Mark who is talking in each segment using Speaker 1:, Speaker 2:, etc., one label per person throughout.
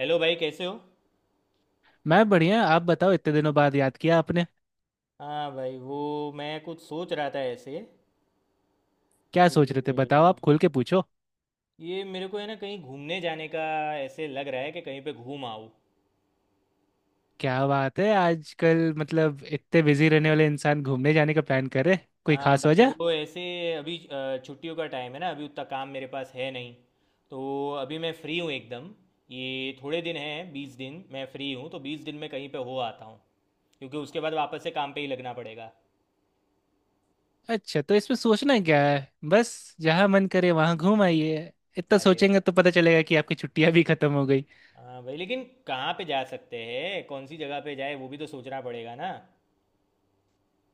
Speaker 1: Hello भाई, कैसे हो।
Speaker 2: मैं बढ़िया आप बताओ इतने दिनों बाद याद किया आपने।
Speaker 1: हाँ भाई वो मैं कुछ सोच रहा था ऐसे।
Speaker 2: क्या सोच रहे थे
Speaker 1: ये
Speaker 2: बताओ आप खुल के पूछो।
Speaker 1: ये मेरे को है ना, कहीं घूमने जाने का ऐसे लग रहा है कि कहीं पे घूम आऊँ।
Speaker 2: क्या बात है आजकल मतलब इतने बिजी रहने वाले इंसान घूमने जाने का प्लान करे, कोई
Speaker 1: हाँ
Speaker 2: खास
Speaker 1: भाई
Speaker 2: वजह।
Speaker 1: वो ऐसे, अभी छुट्टियों का टाइम है ना, अभी उतना काम मेरे पास है नहीं, तो अभी मैं फ्री हूँ एकदम। ये थोड़े दिन हैं, 20 दिन मैं फ्री हूँ, तो 20 दिन में कहीं पे हो आता हूँ, क्योंकि उसके बाद वापस से काम पे ही लगना पड़ेगा।
Speaker 2: अच्छा, तो इसमें सोचना क्या है। बस जहाँ मन करे वहाँ घूम आइए। इतना
Speaker 1: अरे
Speaker 2: सोचेंगे तो पता चलेगा कि आपकी छुट्टियाँ भी खत्म हो गई।
Speaker 1: हाँ भाई, लेकिन कहाँ पे जा सकते हैं, कौन सी जगह पे जाए वो भी तो सोचना पड़ेगा ना।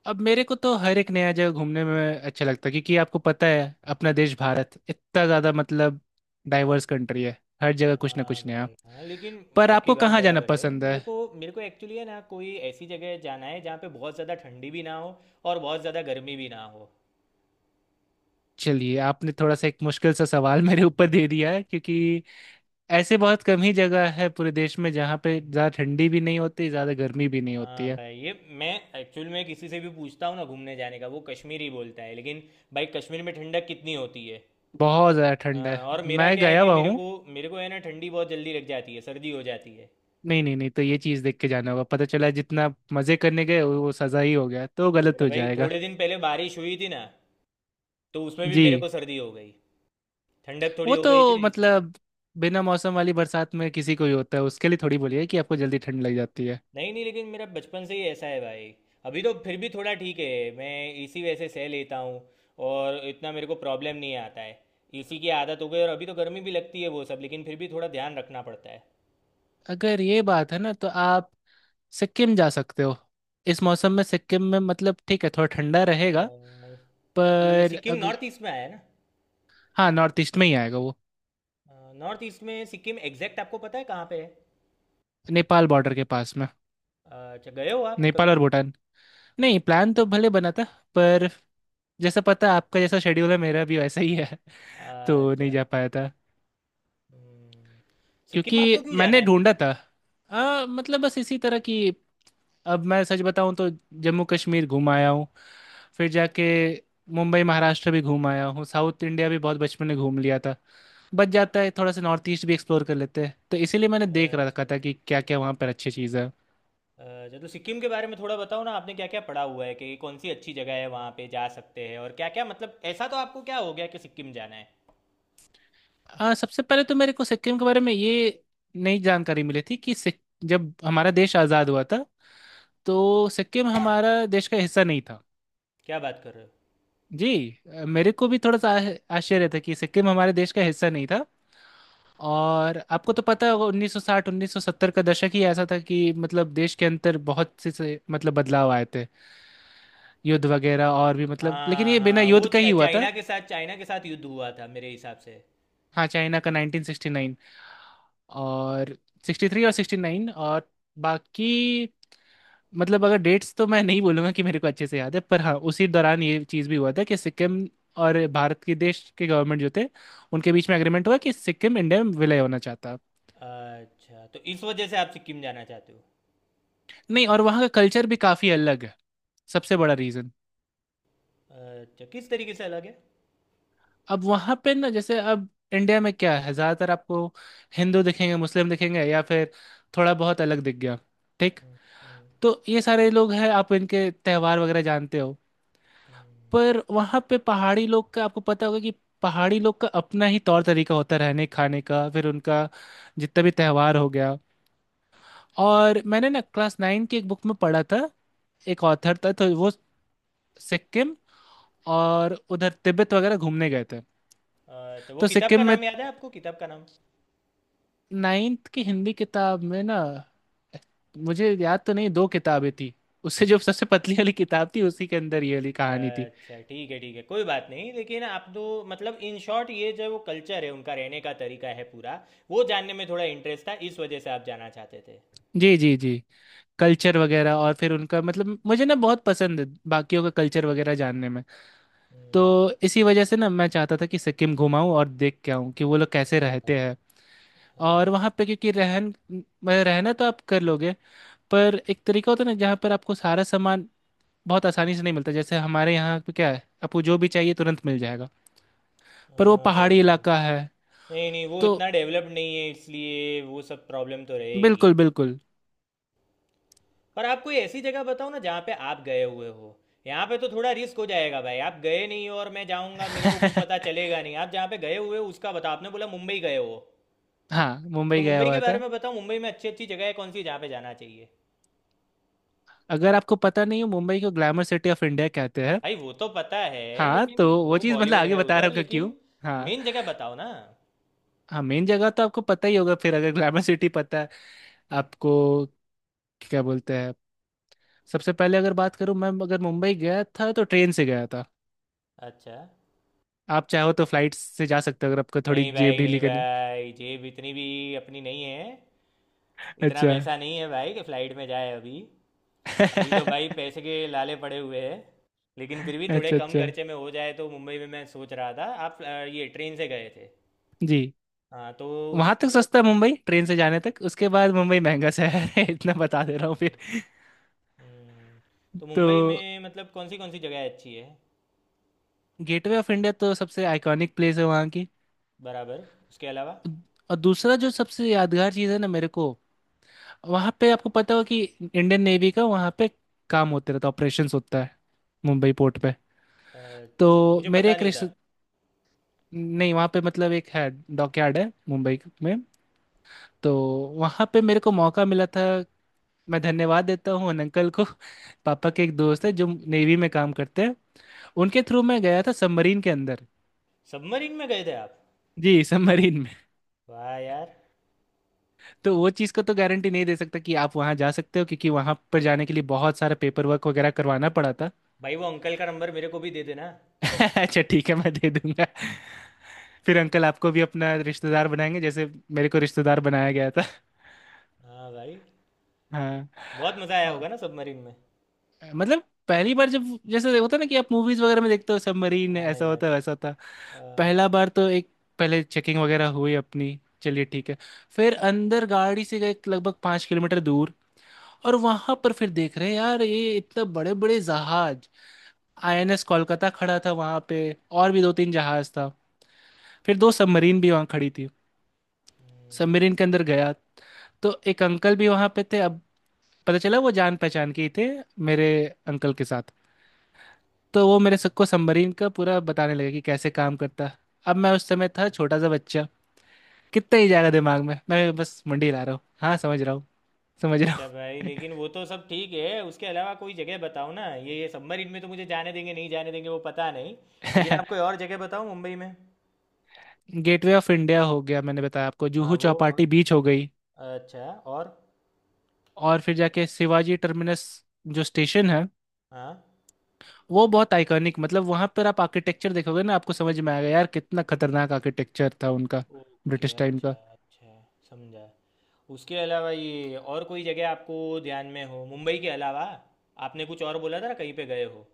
Speaker 2: अब मेरे को तो हर एक नया जगह घूमने में अच्छा लगता है क्योंकि आपको पता है अपना देश भारत इतना ज़्यादा मतलब डाइवर्स कंट्री है। हर जगह कुछ ना
Speaker 1: हाँ
Speaker 2: कुछ नया।
Speaker 1: भाई, हाँ लेकिन
Speaker 2: पर
Speaker 1: आपकी
Speaker 2: आपको
Speaker 1: बात
Speaker 2: कहाँ जाना
Speaker 1: बराबर है।
Speaker 2: पसंद है।
Speaker 1: मेरे को एक्चुअली है ना, कोई ऐसी जगह जाना है जहाँ पे बहुत ज़्यादा ठंडी भी ना हो और बहुत ज़्यादा गर्मी भी ना हो।
Speaker 2: चलिए आपने थोड़ा सा एक मुश्किल सा सवाल मेरे ऊपर दे दिया है क्योंकि ऐसे बहुत कम ही जगह है पूरे देश में जहाँ पे ज़्यादा ठंडी भी नहीं होती ज़्यादा गर्मी भी नहीं होती
Speaker 1: हाँ
Speaker 2: है।
Speaker 1: भाई, ये मैं एक्चुअल में किसी से भी पूछता हूँ ना घूमने जाने का, वो कश्मीर ही बोलता है, लेकिन भाई, कश्मीर में ठंडक कितनी होती है।
Speaker 2: बहुत ज़्यादा ठंड है।
Speaker 1: हाँ, और मेरा
Speaker 2: मैं
Speaker 1: क्या है
Speaker 2: गया
Speaker 1: कि
Speaker 2: हुआ
Speaker 1: मेरे
Speaker 2: हूँ।
Speaker 1: को मेरे को है ना, ठंडी बहुत जल्दी लग जाती है, सर्दी हो जाती है।
Speaker 2: नहीं नहीं नहीं, तो ये चीज़ देख के जाना होगा, पता चला जितना मज़े करने गए वो सज़ा ही हो गया तो गलत
Speaker 1: अरे
Speaker 2: हो
Speaker 1: भाई,
Speaker 2: जाएगा।
Speaker 1: थोड़े दिन पहले बारिश हुई थी ना, तो उसमें भी
Speaker 2: जी।
Speaker 1: मेरे को सर्दी हो गई। ठंडक थोड़ी
Speaker 2: वो
Speaker 1: हो गई थी
Speaker 2: तो
Speaker 1: ना, इसलिए।
Speaker 2: मतलब बिना मौसम वाली बरसात में किसी को ही होता है, उसके लिए थोड़ी बोलिए कि आपको जल्दी ठंड लग जाती है।
Speaker 1: नहीं नहीं, लेकिन मेरा बचपन से ही ऐसा है भाई। अभी तो फिर भी थोड़ा ठीक है, मैं इसी वजह से सह लेता हूँ और इतना मेरे को प्रॉब्लम नहीं आता है। इसी की आदत हो गई। और अभी तो गर्मी भी लगती है वो सब, लेकिन फिर भी थोड़ा ध्यान रखना पड़ता है।
Speaker 2: अगर ये बात है ना तो आप सिक्किम जा सकते हो। इस मौसम में सिक्किम में मतलब ठीक है थोड़ा ठंडा रहेगा।
Speaker 1: अ, ये
Speaker 2: पर
Speaker 1: सिक्किम
Speaker 2: अग...
Speaker 1: नॉर्थ ईस्ट में आया है।
Speaker 2: हाँ, नॉर्थ ईस्ट में ही आएगा वो।
Speaker 1: ना, नॉर्थ ईस्ट में सिक्किम एग्जैक्ट आपको पता है कहाँ पे है।
Speaker 2: नेपाल बॉर्डर के पास में।
Speaker 1: अच्छा, गए हो आप
Speaker 2: नेपाल
Speaker 1: कभी।
Speaker 2: और भूटान। नहीं, प्लान तो भले बना था पर जैसा पता आपका जैसा शेड्यूल है मेरा भी वैसा ही है। तो नहीं
Speaker 1: अच्छा।
Speaker 2: जा पाया था।
Speaker 1: हम्म, सिक्किम आपको
Speaker 2: क्योंकि
Speaker 1: क्यों जाना
Speaker 2: मैंने
Speaker 1: है
Speaker 2: ढूंढा
Speaker 1: मतलब।
Speaker 2: था, मतलब बस इसी तरह की। अब मैं सच बताऊं तो जम्मू कश्मीर घूम आया हूँ। फिर जाके मुंबई महाराष्ट्र भी घूम आया हूँ, साउथ इंडिया भी बहुत बचपन में घूम लिया था। बच जाता है थोड़ा सा, नॉर्थ ईस्ट भी एक्सप्लोर कर लेते हैं, तो इसीलिए मैंने देख रखा
Speaker 1: अच्छा।
Speaker 2: था कि क्या क्या वहाँ पर अच्छी चीज़ है।
Speaker 1: अच्छा, तो सिक्किम के बारे में थोड़ा बताओ ना, आपने क्या क्या पढ़ा हुआ है कि कौन सी अच्छी जगह है वहाँ पे जा सकते हैं, और क्या क्या मतलब ऐसा तो आपको क्या हो गया कि सिक्किम जाना है।
Speaker 2: सबसे पहले तो मेरे को सिक्किम के बारे में ये नई जानकारी मिली थी कि जब हमारा देश आज़ाद हुआ था तो सिक्किम हमारा देश का हिस्सा नहीं था।
Speaker 1: क्या बात कर रहे हो।
Speaker 2: जी। मेरे को भी थोड़ा सा आश्चर्य था कि सिक्किम हमारे देश का हिस्सा नहीं था। और आपको तो पता होगा 1960 1970 का दशक ही ऐसा था कि मतलब देश के अंदर बहुत से मतलब बदलाव आए थे। युद्ध वगैरह और भी, मतलब लेकिन
Speaker 1: हाँ
Speaker 2: ये बिना
Speaker 1: हाँ,
Speaker 2: युद्ध
Speaker 1: वो
Speaker 2: का ही हुआ था।
Speaker 1: चाइना के साथ, चाइना के साथ युद्ध हुआ था मेरे हिसाब से।
Speaker 2: हाँ चाइना का 1969 और 63 और 69 और बाकी, मतलब अगर डेट्स तो मैं नहीं बोलूंगा कि मेरे को अच्छे से याद है, पर हाँ उसी दौरान ये चीज़ भी हुआ था कि सिक्किम और भारत के देश के गवर्नमेंट जो थे उनके बीच में एग्रीमेंट हुआ कि सिक्किम इंडिया में विलय होना चाहता।
Speaker 1: अच्छा, तो इस वजह से आप सिक्किम जाना चाहते हो।
Speaker 2: नहीं, और वहाँ का कल्चर भी काफ़ी अलग है। सबसे बड़ा रीज़न।
Speaker 1: अच्छा, किस तरीके से अलग है।
Speaker 2: अब वहाँ पे ना, जैसे अब इंडिया में क्या है ज़्यादातर आपको हिंदू दिखेंगे मुस्लिम दिखेंगे या फिर थोड़ा बहुत अलग दिख गया, ठीक।
Speaker 1: हम्म। हम्म।
Speaker 2: तो ये सारे लोग हैं, आप इनके त्योहार वगैरह जानते हो।
Speaker 1: हम्म।
Speaker 2: पर वहाँ पे पहाड़ी लोग का आपको पता होगा कि पहाड़ी लोग का अपना ही तौर तरीका होता है रहने खाने का, फिर उनका जितना भी त्योहार हो गया। और मैंने ना क्लास नाइन की एक बुक में पढ़ा था, एक ऑथर था तो वो सिक्किम और उधर तिब्बत वगैरह घूमने गए थे।
Speaker 1: अच्छा, वो
Speaker 2: तो
Speaker 1: किताब
Speaker 2: सिक्किम
Speaker 1: का
Speaker 2: में,
Speaker 1: नाम याद है आपको, किताब का नाम।
Speaker 2: नाइन्थ की हिंदी किताब में ना, मुझे याद तो नहीं, दो किताबें थी उससे जो सबसे पतली वाली किताब थी उसी के अंदर ये वाली कहानी थी।
Speaker 1: अच्छा ठीक है, ठीक है, कोई बात नहीं। लेकिन आप तो मतलब इन शॉर्ट ये जो वो कल्चर है, उनका रहने का तरीका है पूरा, वो जानने में थोड़ा इंटरेस्ट था, इस वजह से आप जाना चाहते थे।
Speaker 2: जी जी जी। कल्चर वगैरह और फिर उनका मतलब, मुझे ना बहुत पसंद है बाकियों का कल्चर वगैरह जानने में। तो
Speaker 1: हम्म।
Speaker 2: इसी वजह से ना मैं चाहता था कि सिक्किम घुमाऊं और देख के आऊं कि वो लोग कैसे
Speaker 1: हाँ।
Speaker 2: रहते हैं।
Speaker 1: हाँ।
Speaker 2: और वहाँ पे क्योंकि रहना तो आप कर लोगे, पर एक तरीका होता है ना जहाँ पर आपको सारा सामान बहुत आसानी से नहीं मिलता, जैसे हमारे यहाँ पे क्या है आपको जो भी चाहिए तुरंत मिल जाएगा। पर वो
Speaker 1: हाँ
Speaker 2: पहाड़ी
Speaker 1: भाई।
Speaker 2: इलाका है।
Speaker 1: नहीं नहीं, वो
Speaker 2: तो
Speaker 1: इतना डेवलप्ड नहीं है, इसलिए वो सब प्रॉब्लम तो रहेगी।
Speaker 2: बिल्कुल बिल्कुल।
Speaker 1: पर आप कोई ऐसी जगह बताओ ना जहाँ पे आप गए हुए हो। यहाँ पे तो थोड़ा रिस्क हो जाएगा भाई, आप गए नहीं हो और मैं जाऊँगा मेरे को कुछ पता चलेगा नहीं। आप जहाँ पे गए हुए हो उसका बताओ, आपने बोला मुंबई गए हो।
Speaker 2: हाँ,
Speaker 1: तो
Speaker 2: मुंबई गया
Speaker 1: मुंबई के
Speaker 2: हुआ
Speaker 1: बारे
Speaker 2: था।
Speaker 1: में बताओ, मुंबई में अच्छी अच्छी जगह है कौन सी जहाँ पे जाना चाहिए।
Speaker 2: अगर आपको पता नहीं हो, मुंबई को ग्लैमर सिटी ऑफ इंडिया कहते हैं।
Speaker 1: भाई वो तो पता है,
Speaker 2: हाँ, तो
Speaker 1: लेकिन
Speaker 2: वो
Speaker 1: वो
Speaker 2: चीज़ मतलब
Speaker 1: बॉलीवुड
Speaker 2: आगे
Speaker 1: है
Speaker 2: बता रहा
Speaker 1: उधर,
Speaker 2: हूँ कि
Speaker 1: लेकिन
Speaker 2: क्यों। हाँ।
Speaker 1: मेन जगह बताओ ना।
Speaker 2: हाँ, मेन जगह तो आपको पता ही होगा फिर अगर ग्लैमर सिटी पता है आपको, क्या बोलते हैं। सबसे पहले अगर बात करूँ, मैं अगर मुंबई गया था तो ट्रेन से गया था।
Speaker 1: अच्छा।
Speaker 2: आप चाहो तो फ्लाइट से जा सकते हो अगर आपको थोड़ी
Speaker 1: नहीं
Speaker 2: जेब
Speaker 1: भाई,
Speaker 2: ढीली
Speaker 1: नहीं
Speaker 2: करनी।
Speaker 1: भाई, जेब इतनी भी अपनी नहीं है। इतना
Speaker 2: अच्छा।
Speaker 1: पैसा नहीं है भाई कि फ्लाइट में जाए अभी। अभी तो
Speaker 2: अच्छा।
Speaker 1: भाई पैसे के लाले पड़े हुए हैं। लेकिन फिर भी थोड़े कम
Speaker 2: अच्छा।
Speaker 1: खर्चे में हो जाए तो। मुंबई में मैं सोच रहा था, आप ये ट्रेन से गए थे।
Speaker 2: जी।
Speaker 1: हाँ तो उस
Speaker 2: वहाँ तक
Speaker 1: उधर।
Speaker 2: सस्ता है मुंबई ट्रेन से जाने तक, उसके बाद मुंबई महंगा शहर है इतना बता दे रहा हूँ फिर।
Speaker 1: हम्म। हम्म। तो
Speaker 2: तो
Speaker 1: मुंबई में मतलब कौन सी जगह अच्छी है।
Speaker 2: गेटवे ऑफ इंडिया तो सबसे आइकॉनिक प्लेस है वहाँ की।
Speaker 1: बराबर, उसके अलावा।
Speaker 2: और दूसरा जो सबसे यादगार चीज़ है ना मेरे को, वहां पे आपको पता हो कि इंडियन नेवी का वहां पे काम होते रहता है, ऑपरेशंस होता है मुंबई पोर्ट पे।
Speaker 1: अच्छा,
Speaker 2: तो
Speaker 1: मुझे
Speaker 2: मेरे
Speaker 1: पता
Speaker 2: एक
Speaker 1: नहीं था।
Speaker 2: रिश्ते, नहीं वहां पे मतलब एक है, डॉकयार्ड है मुंबई में, तो वहां पे मेरे को मौका मिला था। मैं धन्यवाद देता हूँ उन अंकल को पापा के एक दोस्त है जो नेवी में काम करते हैं, उनके थ्रू मैं गया था सबमरीन के अंदर।
Speaker 1: सबमरीन में गए थे आप।
Speaker 2: जी, सबमरीन में।
Speaker 1: वाह यार।
Speaker 2: तो वो चीज़ का तो गारंटी नहीं दे सकता कि आप वहाँ जा सकते हो क्योंकि वहाँ पर जाने के लिए बहुत सारा पेपर वर्क वगैरह करवाना पड़ा था।
Speaker 1: भाई वो अंकल का नंबर मेरे को भी दे देना।
Speaker 2: अच्छा ठीक है, मैं दे दूंगा। फिर अंकल आपको भी अपना रिश्तेदार बनाएंगे जैसे मेरे को रिश्तेदार बनाया गया था।
Speaker 1: हाँ भाई।
Speaker 2: हाँ।
Speaker 1: बहुत मज़ा आया
Speaker 2: आ,
Speaker 1: होगा ना सबमरीन में।
Speaker 2: मतलब पहली बार जब, जैसे होता है ना कि आप मूवीज वगैरह में देखते हो सबमरीन
Speaker 1: हाँ
Speaker 2: ऐसा
Speaker 1: यार।
Speaker 2: होता है वैसा होता।
Speaker 1: हाँ।
Speaker 2: पहला बार तो एक, पहले चेकिंग वगैरह हुई अपनी, चलिए ठीक है। फिर अंदर गाड़ी से गए लगभग पाँच किलोमीटर दूर और वहां पर फिर देख रहे हैं यार ये इतने बड़े बड़े जहाज। आईएनएस कोलकाता खड़ा था वहां पे और भी दो तीन जहाज था, फिर दो सबमरीन भी वहां खड़ी थी। सबमरीन के अंदर गया तो एक अंकल भी वहां पे थे, अब पता चला वो जान पहचान के ही थे मेरे अंकल के साथ। तो वो मेरे सबको सबमरीन का पूरा बताने लगे कि कैसे काम करता। अब मैं उस समय था छोटा सा बच्चा, कितना ही जाएगा दिमाग में। मैं बस मंडी ला रहा हूँ, हाँ समझ रहा हूँ समझ रहा
Speaker 1: अच्छा भाई, लेकिन वो तो सब ठीक है, उसके अलावा कोई जगह बताओ ना। ये सबमरीन में तो मुझे जाने देंगे नहीं, जाने देंगे वो पता नहीं, लेकिन
Speaker 2: हूँ।
Speaker 1: आप कोई और जगह बताओ मुंबई में।
Speaker 2: गेटवे ऑफ इंडिया हो गया, मैंने बताया आपको।
Speaker 1: हाँ
Speaker 2: जुहू
Speaker 1: वो, और
Speaker 2: चौपाटी बीच हो गई।
Speaker 1: अच्छा, और
Speaker 2: और फिर जाके शिवाजी टर्मिनस जो स्टेशन है,
Speaker 1: हाँ,
Speaker 2: वो बहुत आइकॉनिक, मतलब वहां पर आप आर्किटेक्चर देखोगे ना आपको समझ में आएगा यार कितना खतरनाक आर्किटेक्चर था उनका।
Speaker 1: ओके,
Speaker 2: ब्रिटिश टाइम का।
Speaker 1: अच्छा अच्छा, समझा। उसके अलावा ये और कोई जगह आपको ध्यान में हो मुंबई के अलावा। आपने कुछ और बोला था ना कहीं पे गए हो।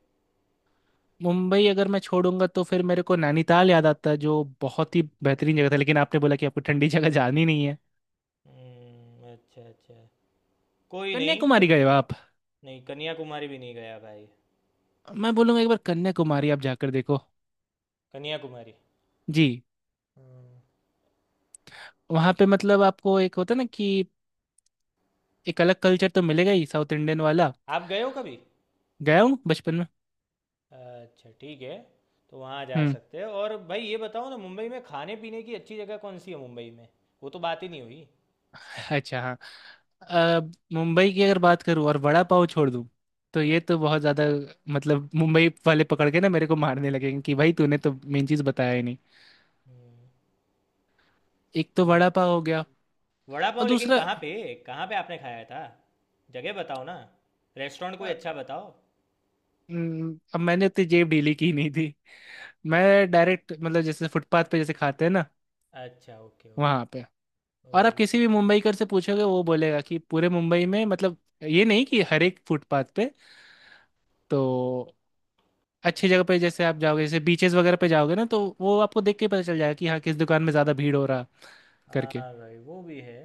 Speaker 2: मुंबई अगर मैं छोड़ूंगा तो फिर मेरे को नैनीताल याद आता है जो बहुत ही बेहतरीन जगह था, लेकिन आपने बोला कि आपको ठंडी जगह जानी नहीं है।
Speaker 1: हम्म। अच्छा अच्छा, कोई नहीं
Speaker 2: कन्याकुमारी गए हो
Speaker 1: चलो।
Speaker 2: आप।
Speaker 1: नहीं कन्याकुमारी भी नहीं गया भाई।
Speaker 2: मैं बोलूंगा एक बार कन्याकुमारी आप जाकर देखो।
Speaker 1: कन्याकुमारी।
Speaker 2: जी।
Speaker 1: हम्म।
Speaker 2: वहां पे मतलब आपको एक होता है ना कि एक अलग कल्चर तो मिलेगा ही, साउथ इंडियन वाला।
Speaker 1: आप गए हो कभी।
Speaker 2: गया हूँ बचपन में।
Speaker 1: अच्छा ठीक है, तो वहाँ जा
Speaker 2: हम्म।
Speaker 1: सकते हैं। और भाई ये बताओ ना, मुंबई में खाने पीने की अच्छी जगह कौन सी है मुंबई में। वो तो बात ही नहीं हुई।
Speaker 2: अच्छा हाँ। अ, मुंबई की अगर बात करूँ और वड़ा पाव छोड़ दूँ तो
Speaker 1: हम्म।
Speaker 2: ये तो बहुत ज़्यादा, मतलब मुंबई वाले पकड़ के ना मेरे को मारने लगेंगे कि भाई तूने तो मेन चीज़ बताया ही नहीं। एक तो वड़ा पाव
Speaker 1: तो
Speaker 2: हो गया।
Speaker 1: वड़ा पाव,
Speaker 2: और
Speaker 1: लेकिन
Speaker 2: दूसरा,
Speaker 1: कहाँ पे, कहाँ पे आपने खाया था। जगह बताओ ना, रेस्टोरेंट
Speaker 2: अ,
Speaker 1: कोई अच्छा बताओ।
Speaker 2: अब मैंने उतनी जेब ढीली की नहीं थी, मैं डायरेक्ट मतलब जैसे फुटपाथ पे जैसे खाते हैं ना,
Speaker 1: अच्छा ओके
Speaker 2: वहाँ
Speaker 1: ओके।
Speaker 2: पे। और
Speaker 1: ओ।
Speaker 2: आप किसी भी मुंबईकर से पूछोगे वो बोलेगा कि पूरे मुंबई में, मतलब ये नहीं कि हर एक फुटपाथ पे। तो अच्छी जगह पे जैसे आप जाओगे जैसे बीचेस वगैरह पे जाओगे ना तो वो आपको देख के पता चल जाएगा कि हाँ किस दुकान में ज्यादा भीड़ हो रहा
Speaker 1: हाँ
Speaker 2: करके।
Speaker 1: भाई वो भी है।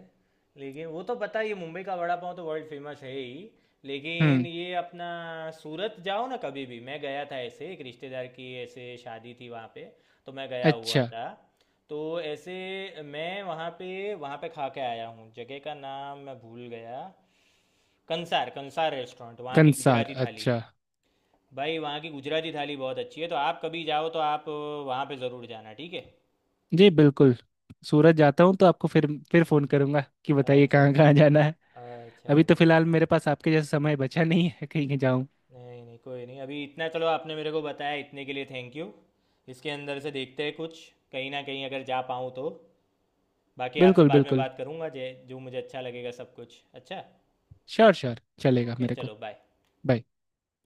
Speaker 1: लेकिन वो तो पता ही है, मुंबई का वड़ा पाव तो वर्ल्ड फेमस है ही। लेकिन
Speaker 2: हम्म।
Speaker 1: ये अपना सूरत जाओ ना कभी भी। मैं गया था ऐसे, एक रिश्तेदार की ऐसे शादी थी वहाँ पे, तो मैं गया हुआ
Speaker 2: अच्छा।
Speaker 1: था। तो ऐसे मैं वहाँ पे, वहाँ पे खा के आया हूँ। जगह का नाम मैं भूल गया। कंसार, कंसार रेस्टोरेंट, वहाँ की
Speaker 2: कंसार
Speaker 1: गुजराती थाली।
Speaker 2: अच्छा।
Speaker 1: भाई वहाँ की गुजराती थाली बहुत अच्छी है, तो आप कभी जाओ तो आप वहाँ पे ज़रूर जाना, ठीक
Speaker 2: जी बिल्कुल। सूरत जाता हूँ तो आपको फिर फोन
Speaker 1: है।
Speaker 2: करूंगा कि बताइए
Speaker 1: अच्छा
Speaker 2: कहाँ
Speaker 1: अच्छा,
Speaker 2: कहाँ जाना है।
Speaker 1: अच्छा
Speaker 2: अभी तो
Speaker 1: ओके ओके।
Speaker 2: फिलहाल मेरे पास आपके जैसा समय बचा नहीं है कहीं जाऊँ।
Speaker 1: नहीं नहीं, कोई नहीं, अभी इतना चलो, आपने मेरे को बताया इतने के लिए थैंक यू। इसके अंदर से देखते हैं कुछ, कहीं ना कहीं अगर जा पाऊँ तो। बाकी आपसे
Speaker 2: बिल्कुल
Speaker 1: बाद में
Speaker 2: बिल्कुल।
Speaker 1: बात करूँगा, जे जो मुझे अच्छा लगेगा सब कुछ, अच्छा।
Speaker 2: श्योर श्योर, चलेगा
Speaker 1: ओके
Speaker 2: मेरे को।
Speaker 1: चलो, बाय।
Speaker 2: Bye.